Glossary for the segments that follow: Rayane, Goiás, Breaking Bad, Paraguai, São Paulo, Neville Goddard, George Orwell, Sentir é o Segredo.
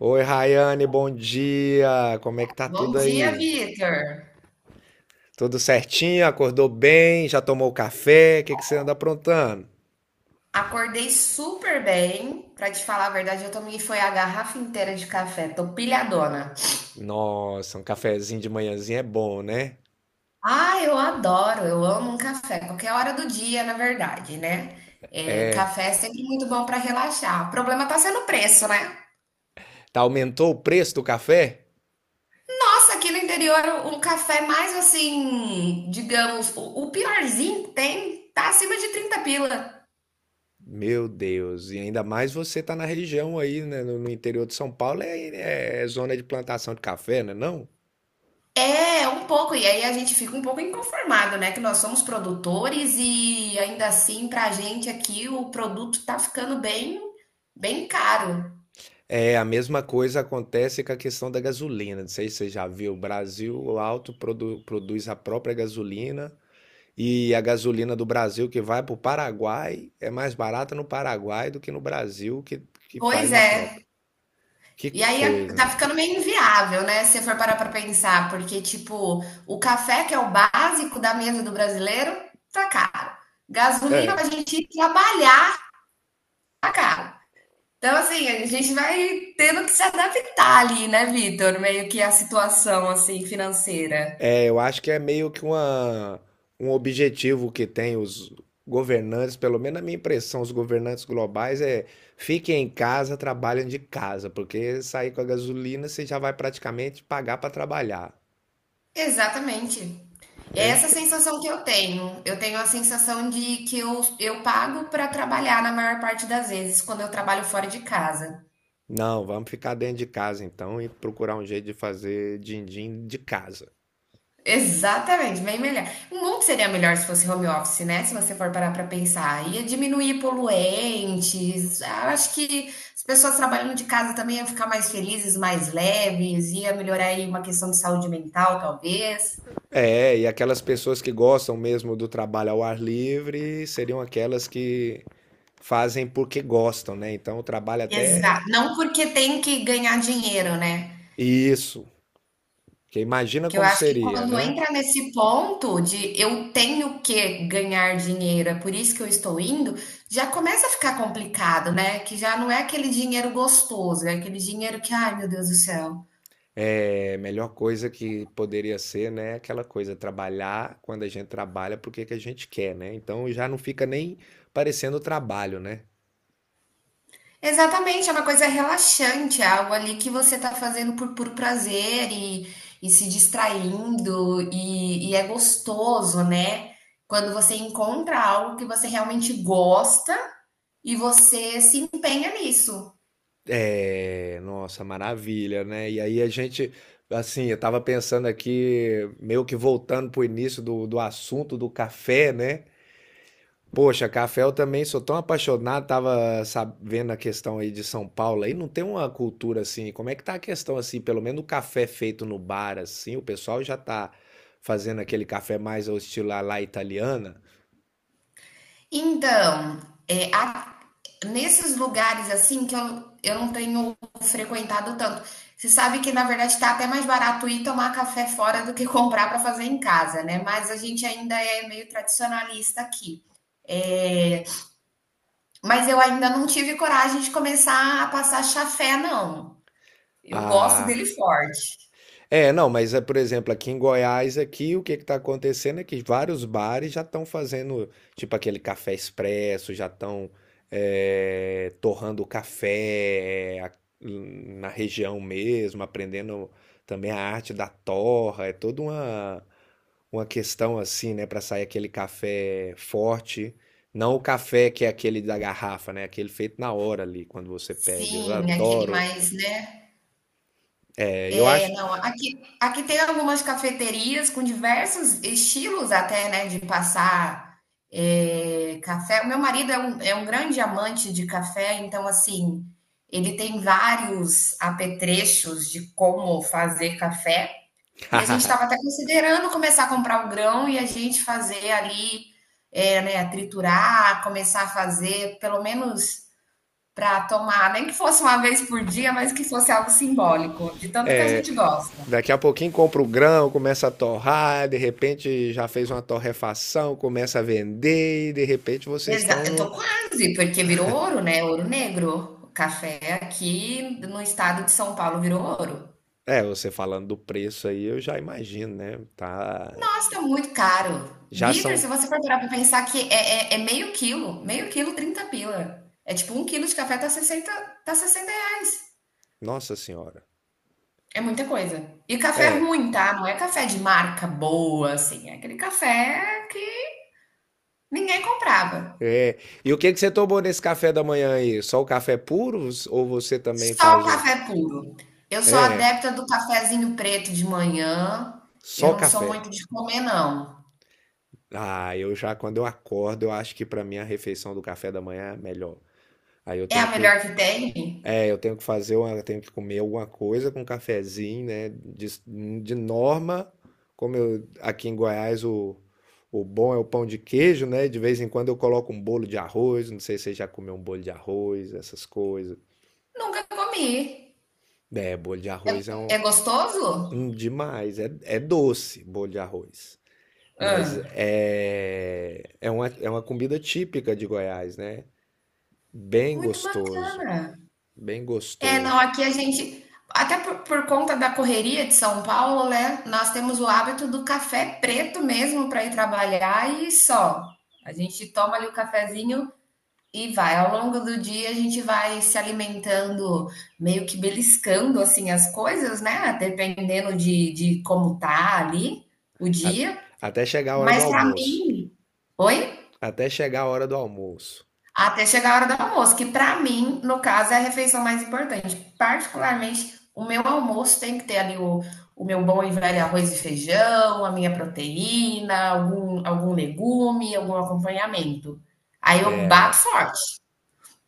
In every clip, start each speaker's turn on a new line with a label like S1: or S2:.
S1: Oi, Rayane, bom dia. Como é que tá
S2: Bom
S1: tudo
S2: dia,
S1: aí?
S2: Vitor.
S1: Tudo certinho? Acordou bem? Já tomou café? O que que você anda aprontando?
S2: Acordei super bem. Pra te falar a verdade, eu tomei foi a garrafa inteira de café. Tô pilhadona.
S1: Nossa, um cafezinho de manhãzinha é bom, né?
S2: Ah, eu adoro, eu amo um café, qualquer hora do dia, na verdade, né? É, café é sempre muito bom pra relaxar. O problema tá sendo o preço, né?
S1: Tá, aumentou o preço do café?
S2: Nossa, aqui no interior, um café mais assim, digamos, o piorzinho que tem, tá acima de 30 pila.
S1: Meu Deus, e ainda mais você tá na região aí, né? No interior de São Paulo é, é zona de plantação de café, né? Não?
S2: É, um pouco, e aí a gente fica um pouco inconformado, né? Que nós somos produtores e ainda assim, pra gente aqui, o produto tá ficando bem caro.
S1: É, a mesma coisa acontece com a questão da gasolina. Não sei se você já viu, o Brasil alto produz a própria gasolina. E a gasolina do Brasil que vai para o Paraguai é mais barata no Paraguai do que no Brasil que
S2: Pois
S1: faz a
S2: é.
S1: própria. Que
S2: E aí
S1: coisa.
S2: tá ficando meio inviável, né? Se você for parar pra pensar, porque, tipo, o café, que é o básico da mesa do brasileiro, tá caro. Gasolina
S1: É.
S2: pra gente ir trabalhar, tá caro. Então, assim, a gente vai tendo que se adaptar ali, né, Vitor? Meio que a situação, assim, financeira.
S1: É, eu acho que é meio que um objetivo que tem os governantes, pelo menos a minha impressão, os governantes globais é fiquem em casa, trabalhem de casa, porque sair com a gasolina você já vai praticamente pagar para trabalhar.
S2: Exatamente. E é essa
S1: É.
S2: sensação que eu tenho. Eu tenho a sensação de que eu pago para trabalhar na maior parte das vezes quando eu trabalho fora de casa.
S1: Não, vamos ficar dentro de casa então e procurar um jeito de fazer din-din de casa.
S2: Exatamente, bem melhor. O mundo seria melhor se fosse home office, né? Se você for parar para pensar. Ia diminuir poluentes. Ah, acho que as pessoas trabalhando de casa também iam ficar mais felizes, mais leves. Ia melhorar aí uma questão de saúde mental, talvez.
S1: É, e aquelas pessoas que gostam mesmo do trabalho ao ar livre seriam aquelas que fazem porque gostam, né? Então o trabalho até
S2: Exato. Não porque tem que ganhar dinheiro, né?
S1: isso, que imagina
S2: Que eu
S1: como
S2: acho que
S1: seria,
S2: quando
S1: né?
S2: entra nesse ponto de eu tenho que ganhar dinheiro, é por isso que eu estou indo, já começa a ficar complicado, né? Que já não é aquele dinheiro gostoso, é aquele dinheiro que, ai meu Deus do céu.
S1: É, melhor coisa que poderia ser, né? Aquela coisa, trabalhar quando a gente trabalha porque que a gente quer, né? Então já não fica nem parecendo trabalho, né?
S2: Exatamente, é uma coisa relaxante, é algo ali que você está fazendo por puro prazer e se distraindo, e é gostoso, né? Quando você encontra algo que você realmente gosta e você se empenha nisso.
S1: É, nossa, maravilha, né? E aí a gente, assim, eu tava pensando aqui, meio que voltando pro início do assunto do café, né? Poxa, café eu também sou tão apaixonado, tava sabendo a questão aí de São Paulo, aí não tem uma cultura assim, como é que tá a questão assim, pelo menos o café feito no bar assim, o pessoal já tá fazendo aquele café mais ao estilo à la italiana.
S2: Então, é, a- nesses lugares assim que eu não tenho frequentado tanto, você sabe que na verdade está até mais barato ir tomar café fora do que comprar para fazer em casa, né? Mas a gente ainda é meio tradicionalista aqui. É, mas eu ainda não tive coragem de começar a passar chafé, não. Eu gosto
S1: Ah,
S2: dele forte.
S1: é, não, mas é, por exemplo, aqui em Goiás, aqui o que está acontecendo é que vários bares já estão fazendo, tipo aquele café expresso, já estão torrando o café na região mesmo, aprendendo também a arte da torra, é toda uma questão assim, né, para sair aquele café forte, não o café que é aquele da garrafa, né, aquele feito na hora ali, quando você pede. Eu
S2: Sim, aquele
S1: adoro,
S2: mais, né?
S1: eu acho.
S2: Não, aqui tem algumas cafeterias com diversos estilos até, né, de passar café. O meu marido é um grande amante de café, então, assim, ele tem vários apetrechos de como fazer café. E a gente estava até considerando começar a comprar o grão e a gente fazer ali, né, triturar, começar a fazer, pelo menos para tomar, nem que fosse uma vez por dia, mas que fosse algo simbólico, de tanto que a gente gosta.
S1: Daqui a pouquinho compra o grão, começa a torrar, de repente já fez uma torrefação, começa a vender e de repente vocês
S2: Exa
S1: estão
S2: Eu
S1: no.
S2: tô quase, porque virou ouro, né, ouro negro. O café aqui no estado de São Paulo virou ouro.
S1: É, você falando do preço aí, eu já imagino, né? Tá.
S2: Nossa, tá muito caro.
S1: Já
S2: Vitor, se
S1: são.
S2: você for parar pra pensar que é meio quilo, 30 pila. É tipo um quilo de café tá sessenta reais.
S1: Nossa Senhora.
S2: É muita coisa. E café
S1: É.
S2: ruim, tá? Não é café de marca boa, assim, é aquele café que ninguém comprava.
S1: É. E o que que você tomou nesse café da manhã aí? Só o café puro ou você também
S2: Só o
S1: faz um?
S2: café puro. Eu sou
S1: É,
S2: adepta do cafezinho preto de manhã. Eu
S1: só
S2: não sou
S1: café.
S2: muito de comer, não.
S1: Ah, eu já quando eu acordo, eu acho que para mim a refeição do café da manhã é melhor. Aí eu
S2: É a
S1: tenho que,
S2: melhor que tem?
S1: é, eu tenho que fazer eu tenho que comer alguma coisa com um cafezinho, né? De norma, como eu, aqui em Goiás o bom é o pão de queijo, né? De vez em quando eu coloco um bolo de arroz. Não sei se você já comeu um bolo de arroz, essas coisas.
S2: Nunca comi.
S1: É, bolo de arroz é um,
S2: É gostoso?
S1: um demais. É, é doce, bolo de arroz.
S2: Hã.
S1: Mas é, é uma comida típica de Goiás, né? Bem
S2: Muito
S1: gostoso,
S2: bacana.
S1: bem
S2: É, não,
S1: gostoso.
S2: aqui a gente, até por conta da correria de São Paulo, né? Nós temos o hábito do café preto mesmo para ir trabalhar e só. A gente toma ali o cafezinho e vai, ao longo do dia a gente vai se alimentando, meio que beliscando assim as coisas, né? Dependendo de como tá ali o
S1: A-
S2: dia.
S1: Até chegar a hora do
S2: Mas para
S1: almoço.
S2: mim, oi?
S1: Até chegar a hora do almoço.
S2: Até chegar a hora do almoço, que para mim, no caso, é a refeição mais importante. Particularmente, o meu almoço tem que ter ali o meu bom e velho arroz e feijão, a minha proteína, algum legume, algum acompanhamento. Aí eu bato forte.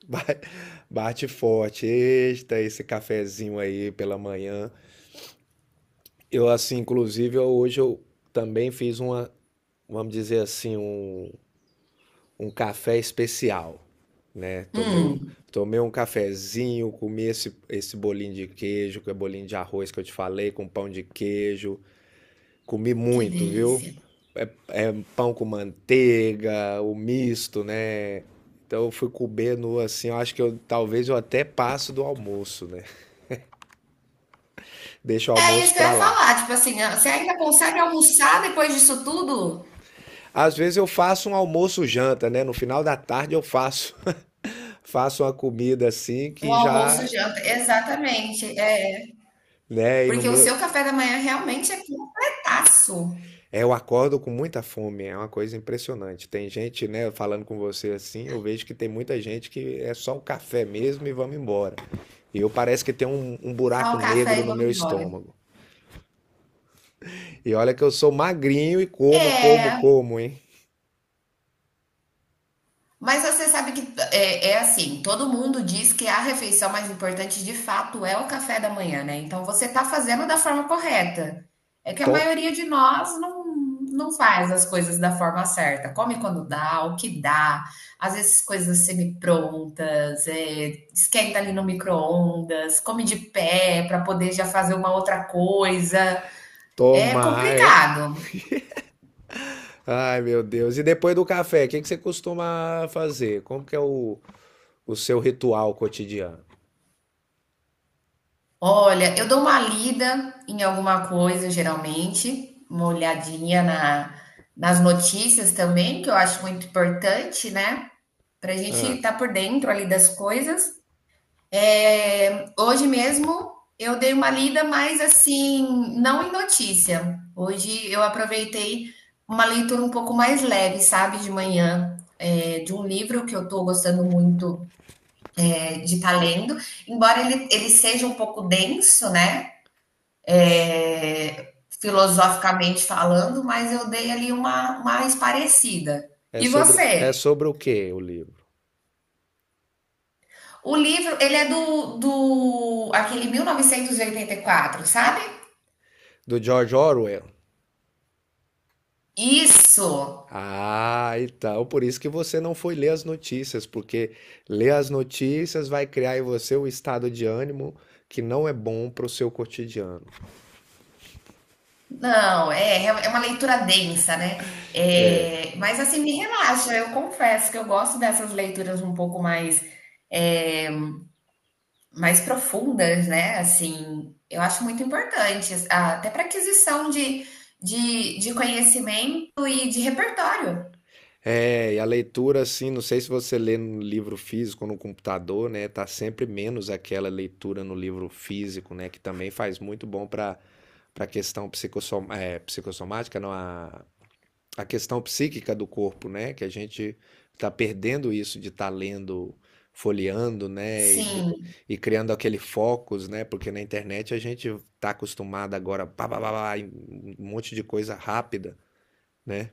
S1: Ba- Bate forte, eita, esse cafezinho aí pela manhã. Eu, assim, inclusive, hoje eu também fiz uma, vamos dizer assim, um café especial, né? Tomei um,
S2: Hum,
S1: tomei um cafezinho, comi esse bolinho de queijo, que é bolinho de arroz que eu te falei, com pão de queijo. Comi
S2: que
S1: muito, viu?
S2: delícia.
S1: É, é pão com manteiga, o misto, né? Então eu fui comer no assim, eu acho que eu talvez eu até passo do almoço, né? Deixo o
S2: É isso
S1: almoço
S2: que eu
S1: pra
S2: ia
S1: lá.
S2: falar, tipo assim, ah, você ainda consegue almoçar depois disso tudo?
S1: Às vezes eu faço um almoço janta, né? No final da tarde eu faço faço uma comida assim
S2: Um
S1: que
S2: almoço,
S1: já,
S2: janta, exatamente, é.
S1: né, e no
S2: Porque o
S1: meio.
S2: seu café da manhã realmente é completaço.
S1: É, eu acordo com muita fome, é uma coisa impressionante. Tem gente, né, falando com você assim, eu vejo que tem muita gente que é só o café mesmo e vamos embora. E eu parece que tem um
S2: Só
S1: buraco
S2: o café
S1: negro
S2: e
S1: no
S2: vamos
S1: meu
S2: embora.
S1: estômago. E olha que eu sou magrinho e como, como,
S2: É,
S1: como, hein?
S2: mas você sabe que é, assim, todo mundo diz que a refeição mais importante de fato é o café da manhã, né? Então você tá fazendo da forma correta. É que a
S1: To-
S2: maioria de nós não faz as coisas da forma certa. Come quando dá, o que dá. Às vezes coisas semi-prontas, esquenta ali no micro-ondas, come de pé para poder já fazer uma outra coisa. É
S1: Tomar, é.
S2: complicado.
S1: Ai, meu Deus. E depois do café, o que que você costuma fazer? Como que é o seu ritual cotidiano?
S2: Olha, eu dou uma lida em alguma coisa, geralmente, uma olhadinha nas notícias também, que eu acho muito importante, né? Para a gente
S1: Ah,
S2: estar por dentro ali das coisas. É, hoje mesmo eu dei uma lida, mas assim, não em notícia. Hoje eu aproveitei uma leitura um pouco mais leve, sabe, de manhã, de um livro que eu estou gostando muito, de estar lendo, embora ele seja um pouco denso, né? é, Filosoficamente falando, mas eu dei ali uma mais parecida.
S1: é
S2: E
S1: sobre, é
S2: você?
S1: sobre o quê o livro?
S2: O livro, ele é do, aquele 1984, sabe?
S1: Do George Orwell?
S2: Isso!
S1: Ah, então, por isso que você não foi ler as notícias, porque ler as notícias vai criar em você um estado de ânimo que não é bom para o seu cotidiano.
S2: Não, é uma leitura densa, né? É, mas assim, me relaxa, eu confesso que eu gosto dessas leituras um pouco mais é, mais profundas, né, assim, eu acho muito importante, a até pra aquisição de conhecimento e de repertório.
S1: É, e a leitura, assim, não sei se você lê no livro físico ou no computador, né? Tá sempre menos aquela leitura no livro físico, né? Que também faz muito bom para a questão psicossomática, não, a questão psíquica do corpo, né? Que a gente está perdendo isso de estar lendo, folheando, né? E, d-
S2: Sim.
S1: e criando aquele focus, né? Porque na internet a gente está acostumado agora, pá, pá, pá, pá, em um monte de coisa rápida, né?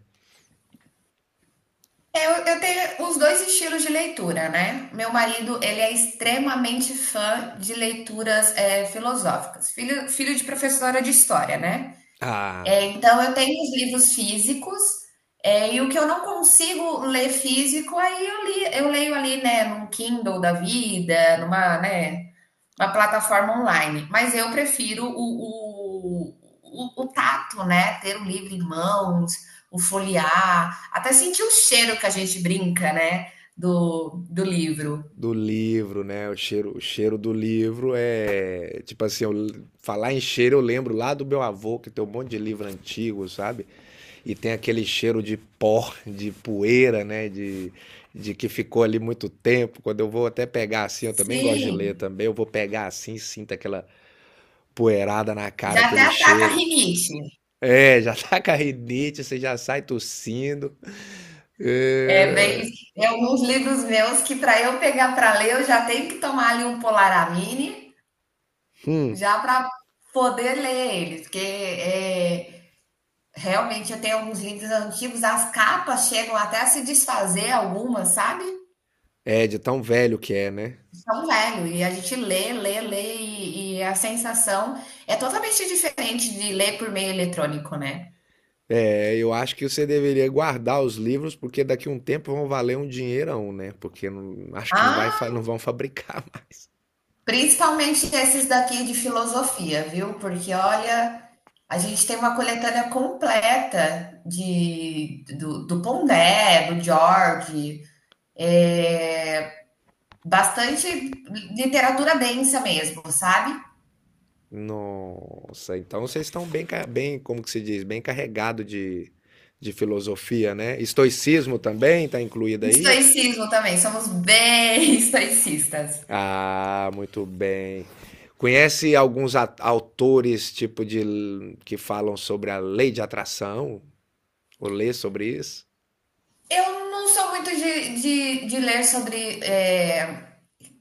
S2: É, Eu tenho os dois estilos de leitura, né. Meu marido, ele é extremamente fã de leituras, filosóficas, filho de professora de história, né.
S1: A
S2: Então eu tenho os livros físicos, e o que eu não consigo ler físico, aí eu leio ali, né, num Kindle da vida, né, uma plataforma online. Mas eu prefiro o, o, o, o, tato, né? Ter o livro em mãos, o folhear, até sentir o cheiro que a gente brinca, né? Do livro.
S1: Do livro, né? O cheiro do livro é. Tipo assim, eu, falar em cheiro, eu lembro lá do meu avô, que tem um monte de livro antigo, sabe? E tem aquele cheiro de pó, de poeira, né? De que ficou ali muito tempo. Quando eu vou até pegar assim, eu também gosto de ler
S2: Sim,
S1: também. Eu vou pegar assim, sinto aquela poeirada na cara,
S2: já até
S1: aquele
S2: ataca a
S1: cheiro.
S2: rinite.
S1: É, já tá com a rinite, você já sai tossindo.
S2: É bem,
S1: É,
S2: tem alguns livros meus que para eu pegar para ler, eu já tenho que tomar ali um Polaramine,
S1: hum,
S2: já para poder ler eles, porque realmente, eu tenho alguns livros antigos, as capas chegam até a se desfazer algumas, sabe?
S1: é de tão velho que é, né?
S2: São velho, e a gente lê, lê, lê, e a sensação é totalmente diferente de ler por meio eletrônico, né?
S1: É, eu acho que você deveria guardar os livros, porque daqui a um tempo vão valer um dinheirão, né? Porque acho que não, vai,
S2: Ah,
S1: não vão fabricar mais.
S2: principalmente esses daqui de filosofia, viu? Porque olha, a gente tem uma coletânea completa do Pondé, do George, é, bastante literatura densa mesmo, sabe?
S1: Nossa, então vocês estão bem, bem, como que se diz, bem carregado de filosofia, né? Estoicismo também está incluído aí?
S2: Estoicismo também, somos bem estoicistas.
S1: Ah, muito bem. Conhece alguns autores, tipo, que falam sobre a lei de atração? Ou lê sobre isso?
S2: Eu não sou muito de ler sobre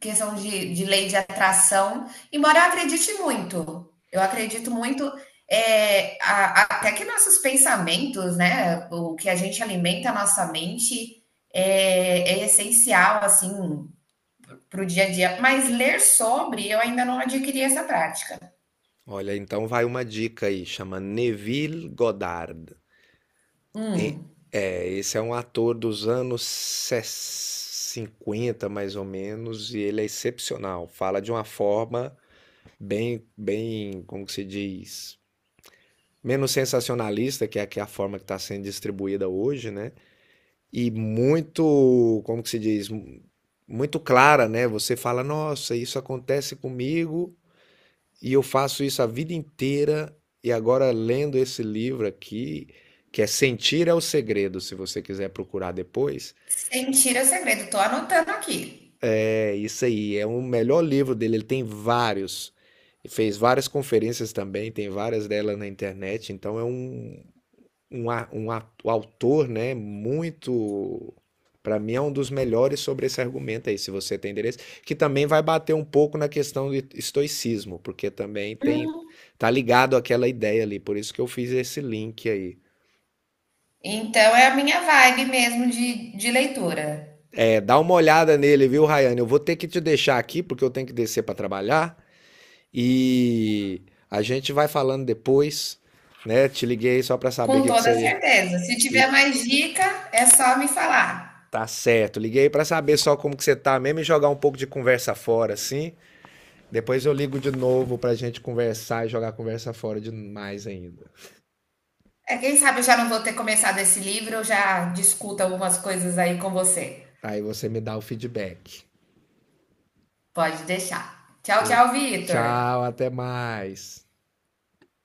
S2: questão de lei de atração, embora eu acredite muito. Eu acredito muito até que nossos pensamentos, né, o que a gente alimenta a nossa mente é, essencial, assim, para o dia a dia. Mas ler sobre, eu ainda não adquiri essa prática.
S1: Olha, então vai uma dica aí, chama Neville Goddard. E-
S2: Hum,
S1: É, esse é um ator dos anos 50 mais ou menos, e ele é excepcional. Fala de uma forma bem, bem, como que se diz? Menos sensacionalista, que é a forma que está sendo distribuída hoje, né? E muito, como que se diz? Muito clara, né? Você fala, nossa, isso acontece comigo, e eu faço isso a vida inteira. E agora, lendo esse livro aqui, que é Sentir é o Segredo, se você quiser procurar depois,
S2: Sem é segredo, tô anotando aqui.
S1: é isso aí. É o melhor livro dele. Ele tem vários. Fez várias conferências também, tem várias delas na internet. Então, é um autor, né, muito, para mim é um dos melhores sobre esse argumento aí, se você tem interesse, que também vai bater um pouco na questão do estoicismo, porque também tem tá ligado àquela ideia ali, por isso que eu fiz esse link aí.
S2: Então é a minha vibe mesmo de leitura,
S1: É, dá uma olhada nele, viu, Rayane? Eu vou ter que te deixar aqui porque eu tenho que descer para trabalhar e a gente vai falando depois, né? Te liguei só para saber o
S2: com
S1: que que
S2: toda
S1: você.
S2: certeza. Se tiver mais dica, é só me falar.
S1: Tá certo. Liguei pra saber só como que você tá mesmo e jogar um pouco de conversa fora, assim. Depois eu ligo de novo pra gente conversar e jogar conversa fora demais ainda.
S2: É, quem sabe eu já não vou ter começado esse livro, eu já discuto algumas coisas aí com você.
S1: Aí você me dá o feedback.
S2: Pode deixar. Tchau,
S1: E
S2: tchau, Vitor.
S1: tchau, até mais.